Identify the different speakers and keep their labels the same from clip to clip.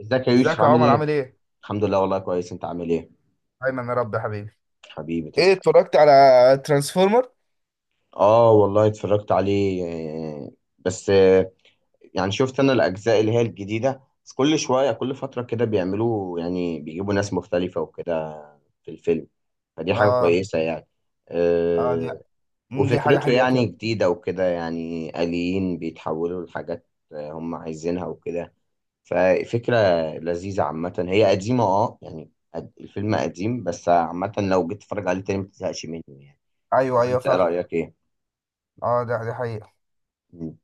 Speaker 1: ازيك يا يوسف،
Speaker 2: ازيك يا
Speaker 1: عامل
Speaker 2: عمر،
Speaker 1: ايه؟
Speaker 2: عامل ايه؟
Speaker 1: الحمد لله، والله كويس. انت عامل ايه؟
Speaker 2: ايمن يا رب يا حبيبي.
Speaker 1: حبيبي
Speaker 2: ايه،
Speaker 1: تسلم.
Speaker 2: اتفرجت على ترانسفورمر؟
Speaker 1: اه، والله اتفرجت عليه. آه، بس يعني شفت انا الاجزاء اللي هي الجديدة، بس كل شوية كل فترة كده بيعملوا، يعني بيجيبوا ناس مختلفة وكده في الفيلم، فدي حاجة
Speaker 2: اه
Speaker 1: كويسة يعني.
Speaker 2: اه، دي
Speaker 1: آه،
Speaker 2: مم، دي حاجة
Speaker 1: وفكرته
Speaker 2: حقيقة
Speaker 1: يعني
Speaker 2: فعلا.
Speaker 1: جديدة وكده، يعني آليين بيتحولوا لحاجات هم عايزينها وكده. ففكرة لذيذة، عامة هي قديمة، اه يعني الفيلم قديم، بس عامة لو جيت تتفرج عليه تاني ما تزهقش منه يعني.
Speaker 2: ايوه
Speaker 1: ولا
Speaker 2: ايوه،
Speaker 1: انت
Speaker 2: فاهم.
Speaker 1: رأيك ايه؟
Speaker 2: اه، دي حقيقة.
Speaker 1: مم.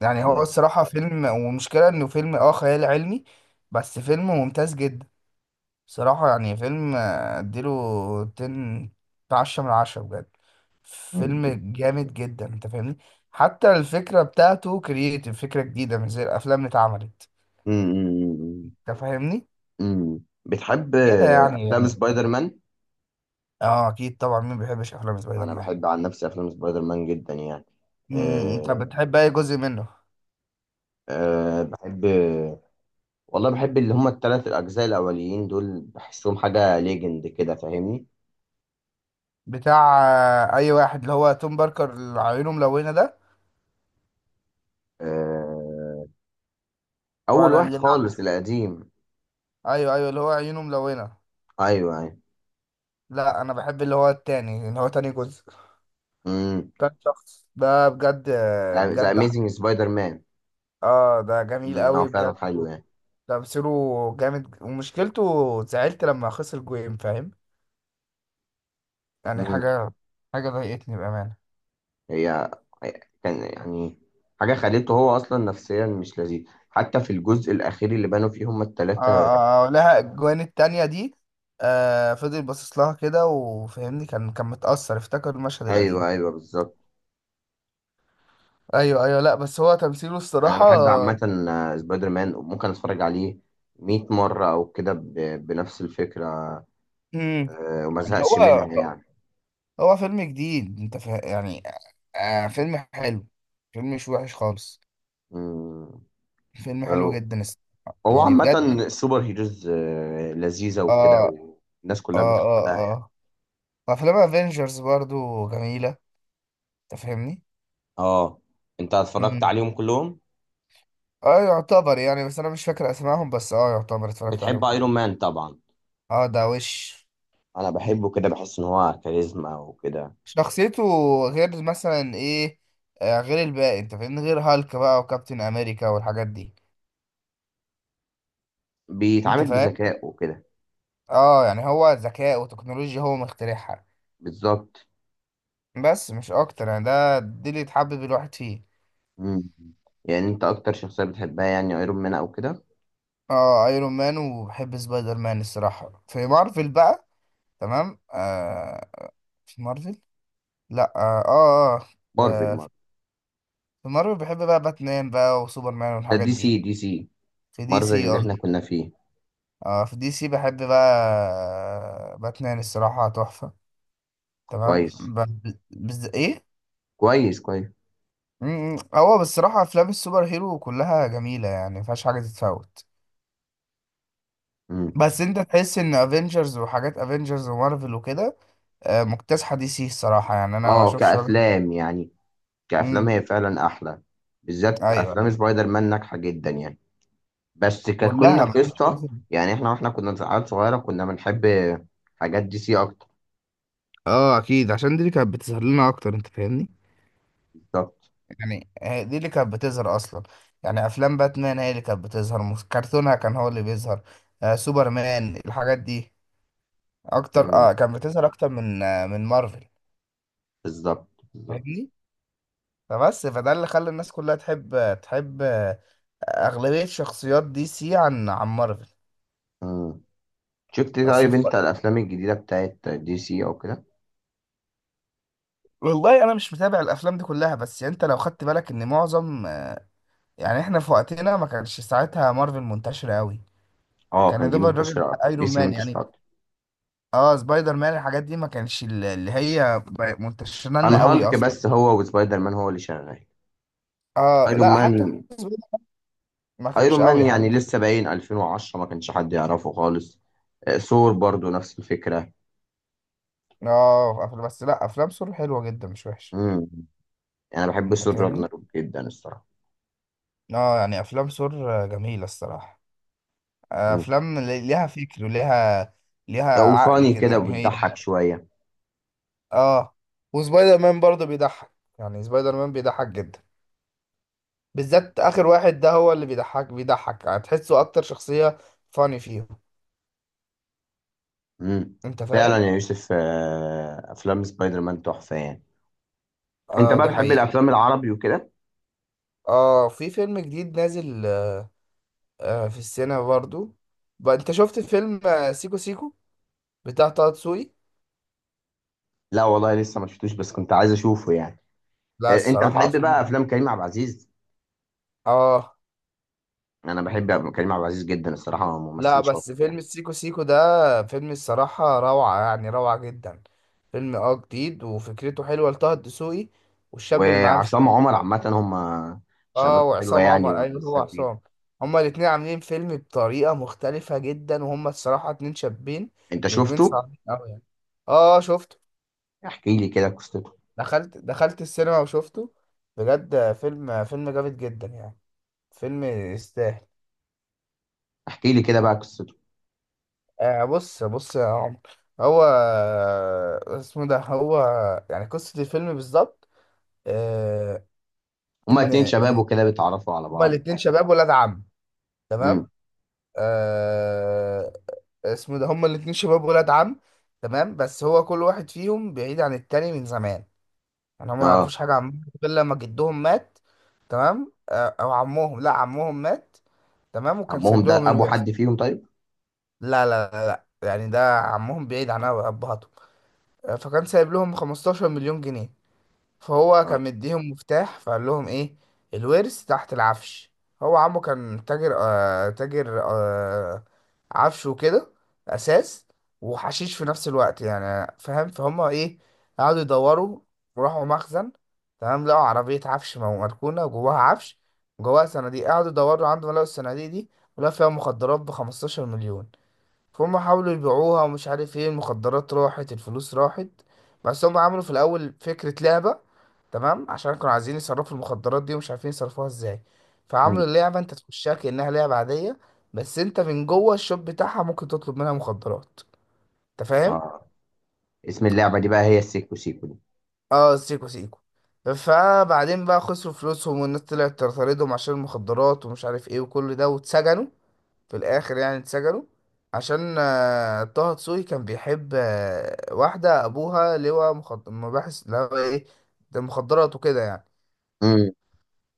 Speaker 2: يعني هو الصراحة فيلم، ومشكلة انه فيلم خيال علمي. بس فيلم ممتاز جدا. صراحة يعني فيلم، اديله 10. 10 من 10 بجد.
Speaker 1: مم.
Speaker 2: فيلم جامد جدا، انت فاهمني؟ حتى الفكرة بتاعته كرييتيف، فكرة جديدة مش زي الافلام اللي اتعملت.
Speaker 1: مم.
Speaker 2: انت فاهمني؟
Speaker 1: مم. بتحب
Speaker 2: كده يعني
Speaker 1: افلام
Speaker 2: يعني
Speaker 1: سبايدر مان؟
Speaker 2: اه اكيد طبعا، مين بيحبش افلام سبايدر
Speaker 1: انا
Speaker 2: مان؟
Speaker 1: بحب عن نفسي افلام سبايدر مان جدا يعني.
Speaker 2: انت
Speaker 1: أه،
Speaker 2: بتحب اي جزء منه؟
Speaker 1: أه، بحب. والله بحب اللي هما الثلاث الاجزاء الاولين دول، بحسهم حاجة ليجند كده، فاهمني؟
Speaker 2: بتاع اي واحد، اللي هو توم باركر اللي عيونه ملونه ده؟
Speaker 1: أه، اول
Speaker 2: ولا
Speaker 1: واحد
Speaker 2: اللي بعد؟
Speaker 1: خالص القديم.
Speaker 2: ايوه ايوه، اللي هو عيونه ملونه.
Speaker 1: ايوه، ايوه.
Speaker 2: لا، انا بحب اللي هو التاني، اللي هو تاني جزء.
Speaker 1: مم.
Speaker 2: تاني شخص ده بجد،
Speaker 1: ذا
Speaker 2: بجد
Speaker 1: اميزنج سبايدر مان.
Speaker 2: اه، ده جميل
Speaker 1: هو
Speaker 2: قوي
Speaker 1: فعلا
Speaker 2: بجد.
Speaker 1: حلو يعني.
Speaker 2: تمثيله جامد، ومشكلته زعلت لما خسر جوين، فاهم يعني
Speaker 1: مم.
Speaker 2: حاجه ضايقتني بامان.
Speaker 1: هي كان يعني حاجة خليته هو أصلا نفسيا مش لذيذ، حتى في الجزء الأخير اللي بانوا فيه هما
Speaker 2: اه
Speaker 1: التلاتة.
Speaker 2: اه، لها الجوان التانية دي. فضل باصص لها كده، وفهمني كان متأثر، افتكر المشهد القديم.
Speaker 1: أيوه، أيوه، بالظبط.
Speaker 2: ايوه ايوه، لا بس هو تمثيله
Speaker 1: أنا
Speaker 2: الصراحة.
Speaker 1: بحب عامة سبايدر مان، وممكن أتفرج عليه مية مرة أو كده بنفس الفكرة.
Speaker 2: امم.
Speaker 1: وما
Speaker 2: يعني
Speaker 1: زهقش
Speaker 2: هو
Speaker 1: منها يعني.
Speaker 2: هو فيلم جديد، انت يعني. فيلم حلو، فيلم مش وحش خالص،
Speaker 1: مم.
Speaker 2: فيلم حلو
Speaker 1: آه،
Speaker 2: جدا الصراحة.
Speaker 1: هو
Speaker 2: يعني
Speaker 1: عامة
Speaker 2: بجد.
Speaker 1: السوبر هيروز لذيذة
Speaker 2: اه
Speaker 1: وكده، والناس كلها
Speaker 2: اه اه
Speaker 1: بتحبها يعني.
Speaker 2: اه، وافلام افنجرز برضو جميلة. انت فاهمني؟
Speaker 1: اه، انت اتفرجت
Speaker 2: مم.
Speaker 1: عليهم كلهم؟
Speaker 2: اه، يعتبر يعني، بس انا مش فاكر اسمائهم، بس يعتبر اتفرجت عليهم
Speaker 1: بتحب
Speaker 2: كلهم.
Speaker 1: ايرون مان طبعا.
Speaker 2: اه، ده وش
Speaker 1: انا بحبه، كده بحس ان هو كاريزما وكده.
Speaker 2: شخصيته، غير مثلا ايه؟ غير الباقي، انت فاهمني، غير هالك بقى وكابتن امريكا والحاجات دي. انت
Speaker 1: بيتعامل
Speaker 2: فاهم.
Speaker 1: بذكاء وكده.
Speaker 2: اه، يعني هو ذكاء وتكنولوجيا، هو مخترعها.
Speaker 1: بالظبط.
Speaker 2: بس مش اكتر يعني، دي اللي تحبب الواحد فيه.
Speaker 1: مم. يعني انت اكتر شخصية بتحبها يعني ايرون مان او كده؟
Speaker 2: اه، ايرون مان وبحب سبايدر مان الصراحة في مارفل بقى. تمام، في مارفل. لا اه اه,
Speaker 1: مارفل،
Speaker 2: في
Speaker 1: مارفل.
Speaker 2: في مارفل بحب بقى باتمان بقى، وسوبرمان
Speaker 1: ده
Speaker 2: والحاجات
Speaker 1: دي سي،
Speaker 2: دي.
Speaker 1: دي سي.
Speaker 2: في دي
Speaker 1: مارفل
Speaker 2: سي.
Speaker 1: اللي احنا كنا فيه.
Speaker 2: اه، في دي سي بحب بقى. باتمان الصراحة تحفة. تمام
Speaker 1: كويس،
Speaker 2: ايه.
Speaker 1: كويس، كويس.
Speaker 2: هو بالصراحة افلام السوبر هيرو كلها جميلة، يعني مفيهاش حاجة تتفوت.
Speaker 1: مم.
Speaker 2: بس انت تحس ان افنجرز، وحاجات افنجرز ومارفل وكده مكتسحة دي سي الصراحة، يعني انا ما
Speaker 1: اه،
Speaker 2: اشوفش وجه.
Speaker 1: كأفلام يعني. كأفلام
Speaker 2: امم.
Speaker 1: هي فعلا احلى. بالذات
Speaker 2: ايوه أيوة.
Speaker 1: افلام سبايدر مان ناجحة جدا يعني. بس ككنا
Speaker 2: كلها مفيش
Speaker 1: قصة،
Speaker 2: فرصة.
Speaker 1: يعني احنا كنا عيال صغيرة، كنا بنحب حاجات دي سي اكتر.
Speaker 2: اه اكيد، عشان دي اللي كانت بتظهر لنا اكتر، انت فاهمني.
Speaker 1: بالظبط،
Speaker 2: يعني هي دي اللي كانت بتظهر اصلا. يعني افلام باتمان هي اللي كانت بتظهر، كرتونها كان هو اللي بيظهر. سوبرمان الحاجات دي اكتر، كانت بتظهر اكتر من مارفل.
Speaker 1: بالظبط، بالظبط.
Speaker 2: فاهمني. فبس فده اللي خلى الناس كلها تحب، اغلبيه شخصيات دي سي عن مارفل.
Speaker 1: مم. شفت
Speaker 2: اصل
Speaker 1: طيب
Speaker 2: في-
Speaker 1: انت الافلام الجديده بتاعت دي سي او كده؟
Speaker 2: والله انا مش متابع الافلام دي كلها، بس يعني انت لو خدت بالك ان معظم يعني احنا في وقتنا ما كانش ساعتها مارفل منتشره قوي.
Speaker 1: اه،
Speaker 2: كان يا
Speaker 1: كان دي
Speaker 2: دوب الراجل
Speaker 1: منتشره اكتر دي
Speaker 2: ايرون
Speaker 1: سي
Speaker 2: مان
Speaker 1: منتشره
Speaker 2: يعني.
Speaker 1: اكتر
Speaker 2: اه سبايدر مان الحاجات دي، ما كانش اللي هي منتشره
Speaker 1: عن
Speaker 2: لنا قوي
Speaker 1: هالك،
Speaker 2: اصلا.
Speaker 1: بس هو وسبايدر مان هو اللي شغال.
Speaker 2: اه
Speaker 1: ايرون
Speaker 2: لا،
Speaker 1: مان.
Speaker 2: حتى سبايدر ما
Speaker 1: ايرون
Speaker 2: كانش
Speaker 1: مان
Speaker 2: قوي
Speaker 1: يعني
Speaker 2: حتى.
Speaker 1: لسه باين 2010 ما كانش حد يعرفه خالص. ثور برضو نفس الفكره.
Speaker 2: اه بس لا، افلام سور حلوه جدا، مش وحشه.
Speaker 1: امم انا بحب
Speaker 2: انت
Speaker 1: ثور
Speaker 2: فاهمني.
Speaker 1: راجناروك جدا الصراحه.
Speaker 2: اه يعني، افلام سور جميله الصراحه،
Speaker 1: امم
Speaker 2: افلام ليها فكر، وليها ليها عقل
Speaker 1: وفاني
Speaker 2: كده
Speaker 1: كده
Speaker 2: يعني هي.
Speaker 1: بتضحك شويه.
Speaker 2: اه، وسبايدر مان برضه بيضحك، يعني سبايدر مان بيضحك جدا، بالذات اخر واحد ده هو اللي بيضحك، هتحسه اكتر شخصيه فاني فيهم.
Speaker 1: امم
Speaker 2: انت
Speaker 1: فعلا
Speaker 2: فاهم.
Speaker 1: يا يوسف، افلام سبايدر مان تحفه يعني. انت
Speaker 2: اه
Speaker 1: بقى
Speaker 2: دي
Speaker 1: بتحب
Speaker 2: حقيقة.
Speaker 1: الافلام العربي وكده؟
Speaker 2: اه في فيلم جديد نازل في السينما برضو. بقى انت شفت فيلم سيكو سيكو بتاع طه دسوقي؟
Speaker 1: لا والله، لسه ما شفتوش، بس كنت عايز اشوفه يعني.
Speaker 2: لا
Speaker 1: انت
Speaker 2: الصراحة
Speaker 1: بتحب بقى
Speaker 2: فيلم.
Speaker 1: افلام كريم عبد العزيز.
Speaker 2: اه
Speaker 1: انا بحب كريم عبد العزيز جدا الصراحه، هو
Speaker 2: لا،
Speaker 1: ممثل
Speaker 2: بس
Speaker 1: شاطر يعني.
Speaker 2: فيلم سيكو سيكو ده فيلم الصراحة روعة، يعني روعة جدا. فيلم جديد وفكرته حلوة لطه دسوقي، والشاب اللي معاه مش.
Speaker 1: وعصام عمر عامه هم
Speaker 2: اه
Speaker 1: شباب حلوه
Speaker 2: وعصام
Speaker 1: يعني
Speaker 2: عمر، ايوه هو
Speaker 1: ولسه جديده.
Speaker 2: عصام. هما الاتنين عاملين فيلم بطريقة مختلفة جدا، وهما الصراحة اتنين شابين
Speaker 1: انت
Speaker 2: نجمين
Speaker 1: شفته؟
Speaker 2: صعبين اوي يعني. اه شفته.
Speaker 1: احكي لي كده قصته.
Speaker 2: دخلت السينما وشفته، بجد فيلم جامد جدا يعني. فيلم يستاهل.
Speaker 1: احكي لي كده بقى قصته.
Speaker 2: بص بص يا عمر، هو اسمه ده، هو يعني قصة الفيلم بالظبط. آه
Speaker 1: هما
Speaker 2: إن
Speaker 1: اتنين شباب
Speaker 2: إن
Speaker 1: وكده بيتعرفوا على
Speaker 2: هما
Speaker 1: بعض
Speaker 2: الاتنين
Speaker 1: تقريبا.
Speaker 2: شباب ولاد عم.
Speaker 1: امم
Speaker 2: تمام. آه اسمه ده، هما الاتنين شباب ولاد عم. تمام، بس هو كل واحد فيهم بعيد عن التاني من زمان. يعني هم ما
Speaker 1: اه،
Speaker 2: يعرفوش حاجة عن بعض غير لما جدهم مات. تمام، أو عمهم، لا عمهم مات. تمام، وكان
Speaker 1: ابوهم
Speaker 2: سايب
Speaker 1: ده
Speaker 2: لهم
Speaker 1: ابو
Speaker 2: الورث.
Speaker 1: حد فيهم طيب؟
Speaker 2: لا لا لا لا، يعني ده عمهم بعيد عن أبهاتهم. فكان سايب لهم 15 مليون جنيه. فهو
Speaker 1: اه.
Speaker 2: كان مديهم مفتاح، فقال لهم ايه؟ الورث تحت العفش. هو عمه كان تاجر عفش وكده، اساس، وحشيش في نفس الوقت، يعني فاهم فهم ايه. قعدوا يدوروا، وراحوا مخزن. تمام، لقوا عربية عفش مركونة، جواها عفش، جواها صناديق. قعدوا يدوروا عندهم، لقوا الصناديق دي، ولقوا فيها مخدرات ب 15 مليون. فهم حاولوا يبيعوها، ومش عارف ايه، المخدرات راحت، الفلوس راحت. بس هم عملوا في الاول فكرة لعبة. تمام، عشان كانوا عايزين يصرفوا المخدرات دي، ومش عارفين يصرفوها ازاي.
Speaker 1: مم.
Speaker 2: فعملوا اللعبة، انت تخشها كأنها لعبة عادية، بس انت من جوه الشوب بتاعها ممكن تطلب منها مخدرات. انت فاهم.
Speaker 1: اه. اسم اللعبه دي بقى هي السيكو سيكو دي.
Speaker 2: اه سيكو سيكو. فبعدين بقى خسروا فلوسهم، والناس طلعت تطاردهم عشان المخدرات ومش عارف ايه، وكل ده واتسجنوا في الاخر يعني. اتسجنوا عشان طه دسوقي كان بيحب واحدة أبوها لواء مباحث، لا ايه، ده مخدرات وكده يعني.
Speaker 1: امم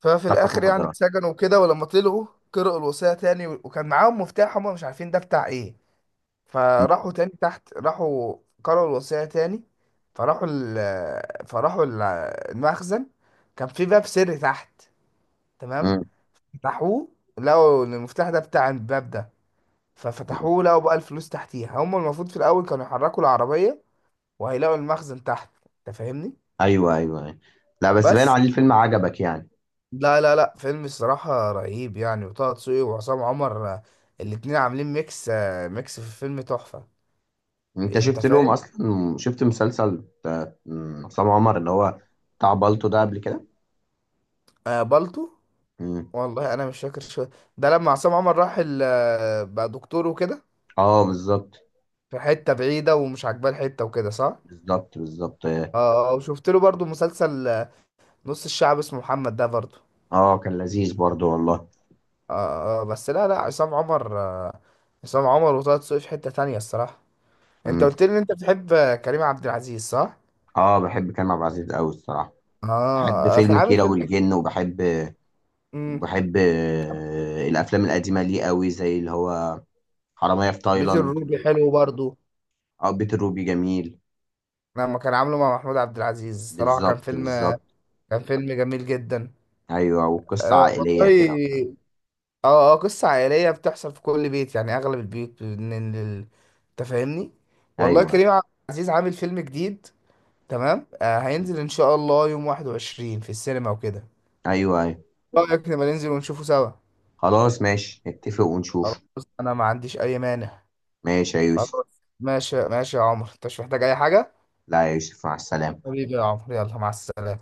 Speaker 2: ففي
Speaker 1: صفقه
Speaker 2: الاخر يعني
Speaker 1: مخدرات.
Speaker 2: اتسجنوا وكده، ولما طلعوا قرأوا الوصية تاني، وكان معاهم مفتاح هم مش عارفين ده بتاع ايه. فراحوا تاني تحت، راحوا قرأوا الوصية تاني، فراحوا ال فراحوا ال- المخزن، كان في باب سري تحت. تمام، فتحوه، لقوا ان المفتاح ده بتاع الباب ده،
Speaker 1: امم
Speaker 2: ففتحوه لقوا بقى الفلوس تحتيها. هم المفروض في الاول كانوا يحركوا العربية وهيلاقوا المخزن تحت، انت فاهمني.
Speaker 1: ايوه، ايوه، أيوة. لا بس باين
Speaker 2: بس
Speaker 1: عليه الفيلم عجبك يعني.
Speaker 2: لا لا لا، فيلم الصراحة رهيب يعني، وطه دسوقي وعصام عمر الاتنين عاملين ميكس في الفيلم تحفة.
Speaker 1: انت
Speaker 2: انت
Speaker 1: شفت لهم
Speaker 2: فاهم.
Speaker 1: اصلا، شفت مسلسل عصام عمر اللي هو بتاع بالطو ده قبل كده.
Speaker 2: بالطو.
Speaker 1: مم.
Speaker 2: والله انا مش فاكر شو، ده لما عصام عمر راح بقى دكتور وكده،
Speaker 1: اه، بالظبط،
Speaker 2: في حتة بعيدة ومش عاجباه الحتة وكده، صح؟
Speaker 1: بالظبط، بالظبط.
Speaker 2: اه، وشفت له برضو مسلسل نص الشعب اسمه محمد ده برضو.
Speaker 1: اه، كان لذيذ برضو والله.
Speaker 2: اه، بس لا لا عصام عمر، عصام عمر وطه دسوقي في حتة تانية الصراحة. انت
Speaker 1: مم.
Speaker 2: قلت لي ان انت بتحب كريم عبد العزيز، صح؟
Speaker 1: اه، بحب كريم عبد العزيز قوي الصراحه.
Speaker 2: اه
Speaker 1: بحب
Speaker 2: في
Speaker 1: فيلم
Speaker 2: عامل
Speaker 1: كيرة
Speaker 2: فيلم
Speaker 1: والجن، وبحب الافلام القديمه ليه قوي، زي اللي هو حراميه في
Speaker 2: بيت
Speaker 1: تايلاند.
Speaker 2: الروبي حلو برضو،
Speaker 1: اه، بيت الروبي جميل.
Speaker 2: لما كان عامله مع محمود عبد العزيز، صراحة كان
Speaker 1: بالظبط،
Speaker 2: فيلم،
Speaker 1: بالظبط.
Speaker 2: كان فيلم جميل جدا.
Speaker 1: ايوه، وقصه
Speaker 2: أه
Speaker 1: عائليه كده.
Speaker 2: والله. اه اه قصة عائلية، بتحصل في كل بيت، يعني أغلب البيوت من أنت فاهمني. والله
Speaker 1: ايوه،
Speaker 2: كريم عبد العزيز عامل فيلم جديد، تمام، هينزل إن شاء الله يوم 21 في السينما وكده.
Speaker 1: ايوه، ايوه.
Speaker 2: إيه رأيك نبقى ننزل ونشوفه سوا؟
Speaker 1: خلاص، ماشي، نتفق
Speaker 2: خلاص،
Speaker 1: ونشوف.
Speaker 2: أنا ما عنديش أي مانع.
Speaker 1: ماشي يا يوسف.
Speaker 2: خلاص ماشي، ماشي يا عمر، أنت مش محتاج أي حاجة؟
Speaker 1: لا يا يوسف، مع السلامة.
Speaker 2: حبيبي يا عمر، يلا مع السلامة.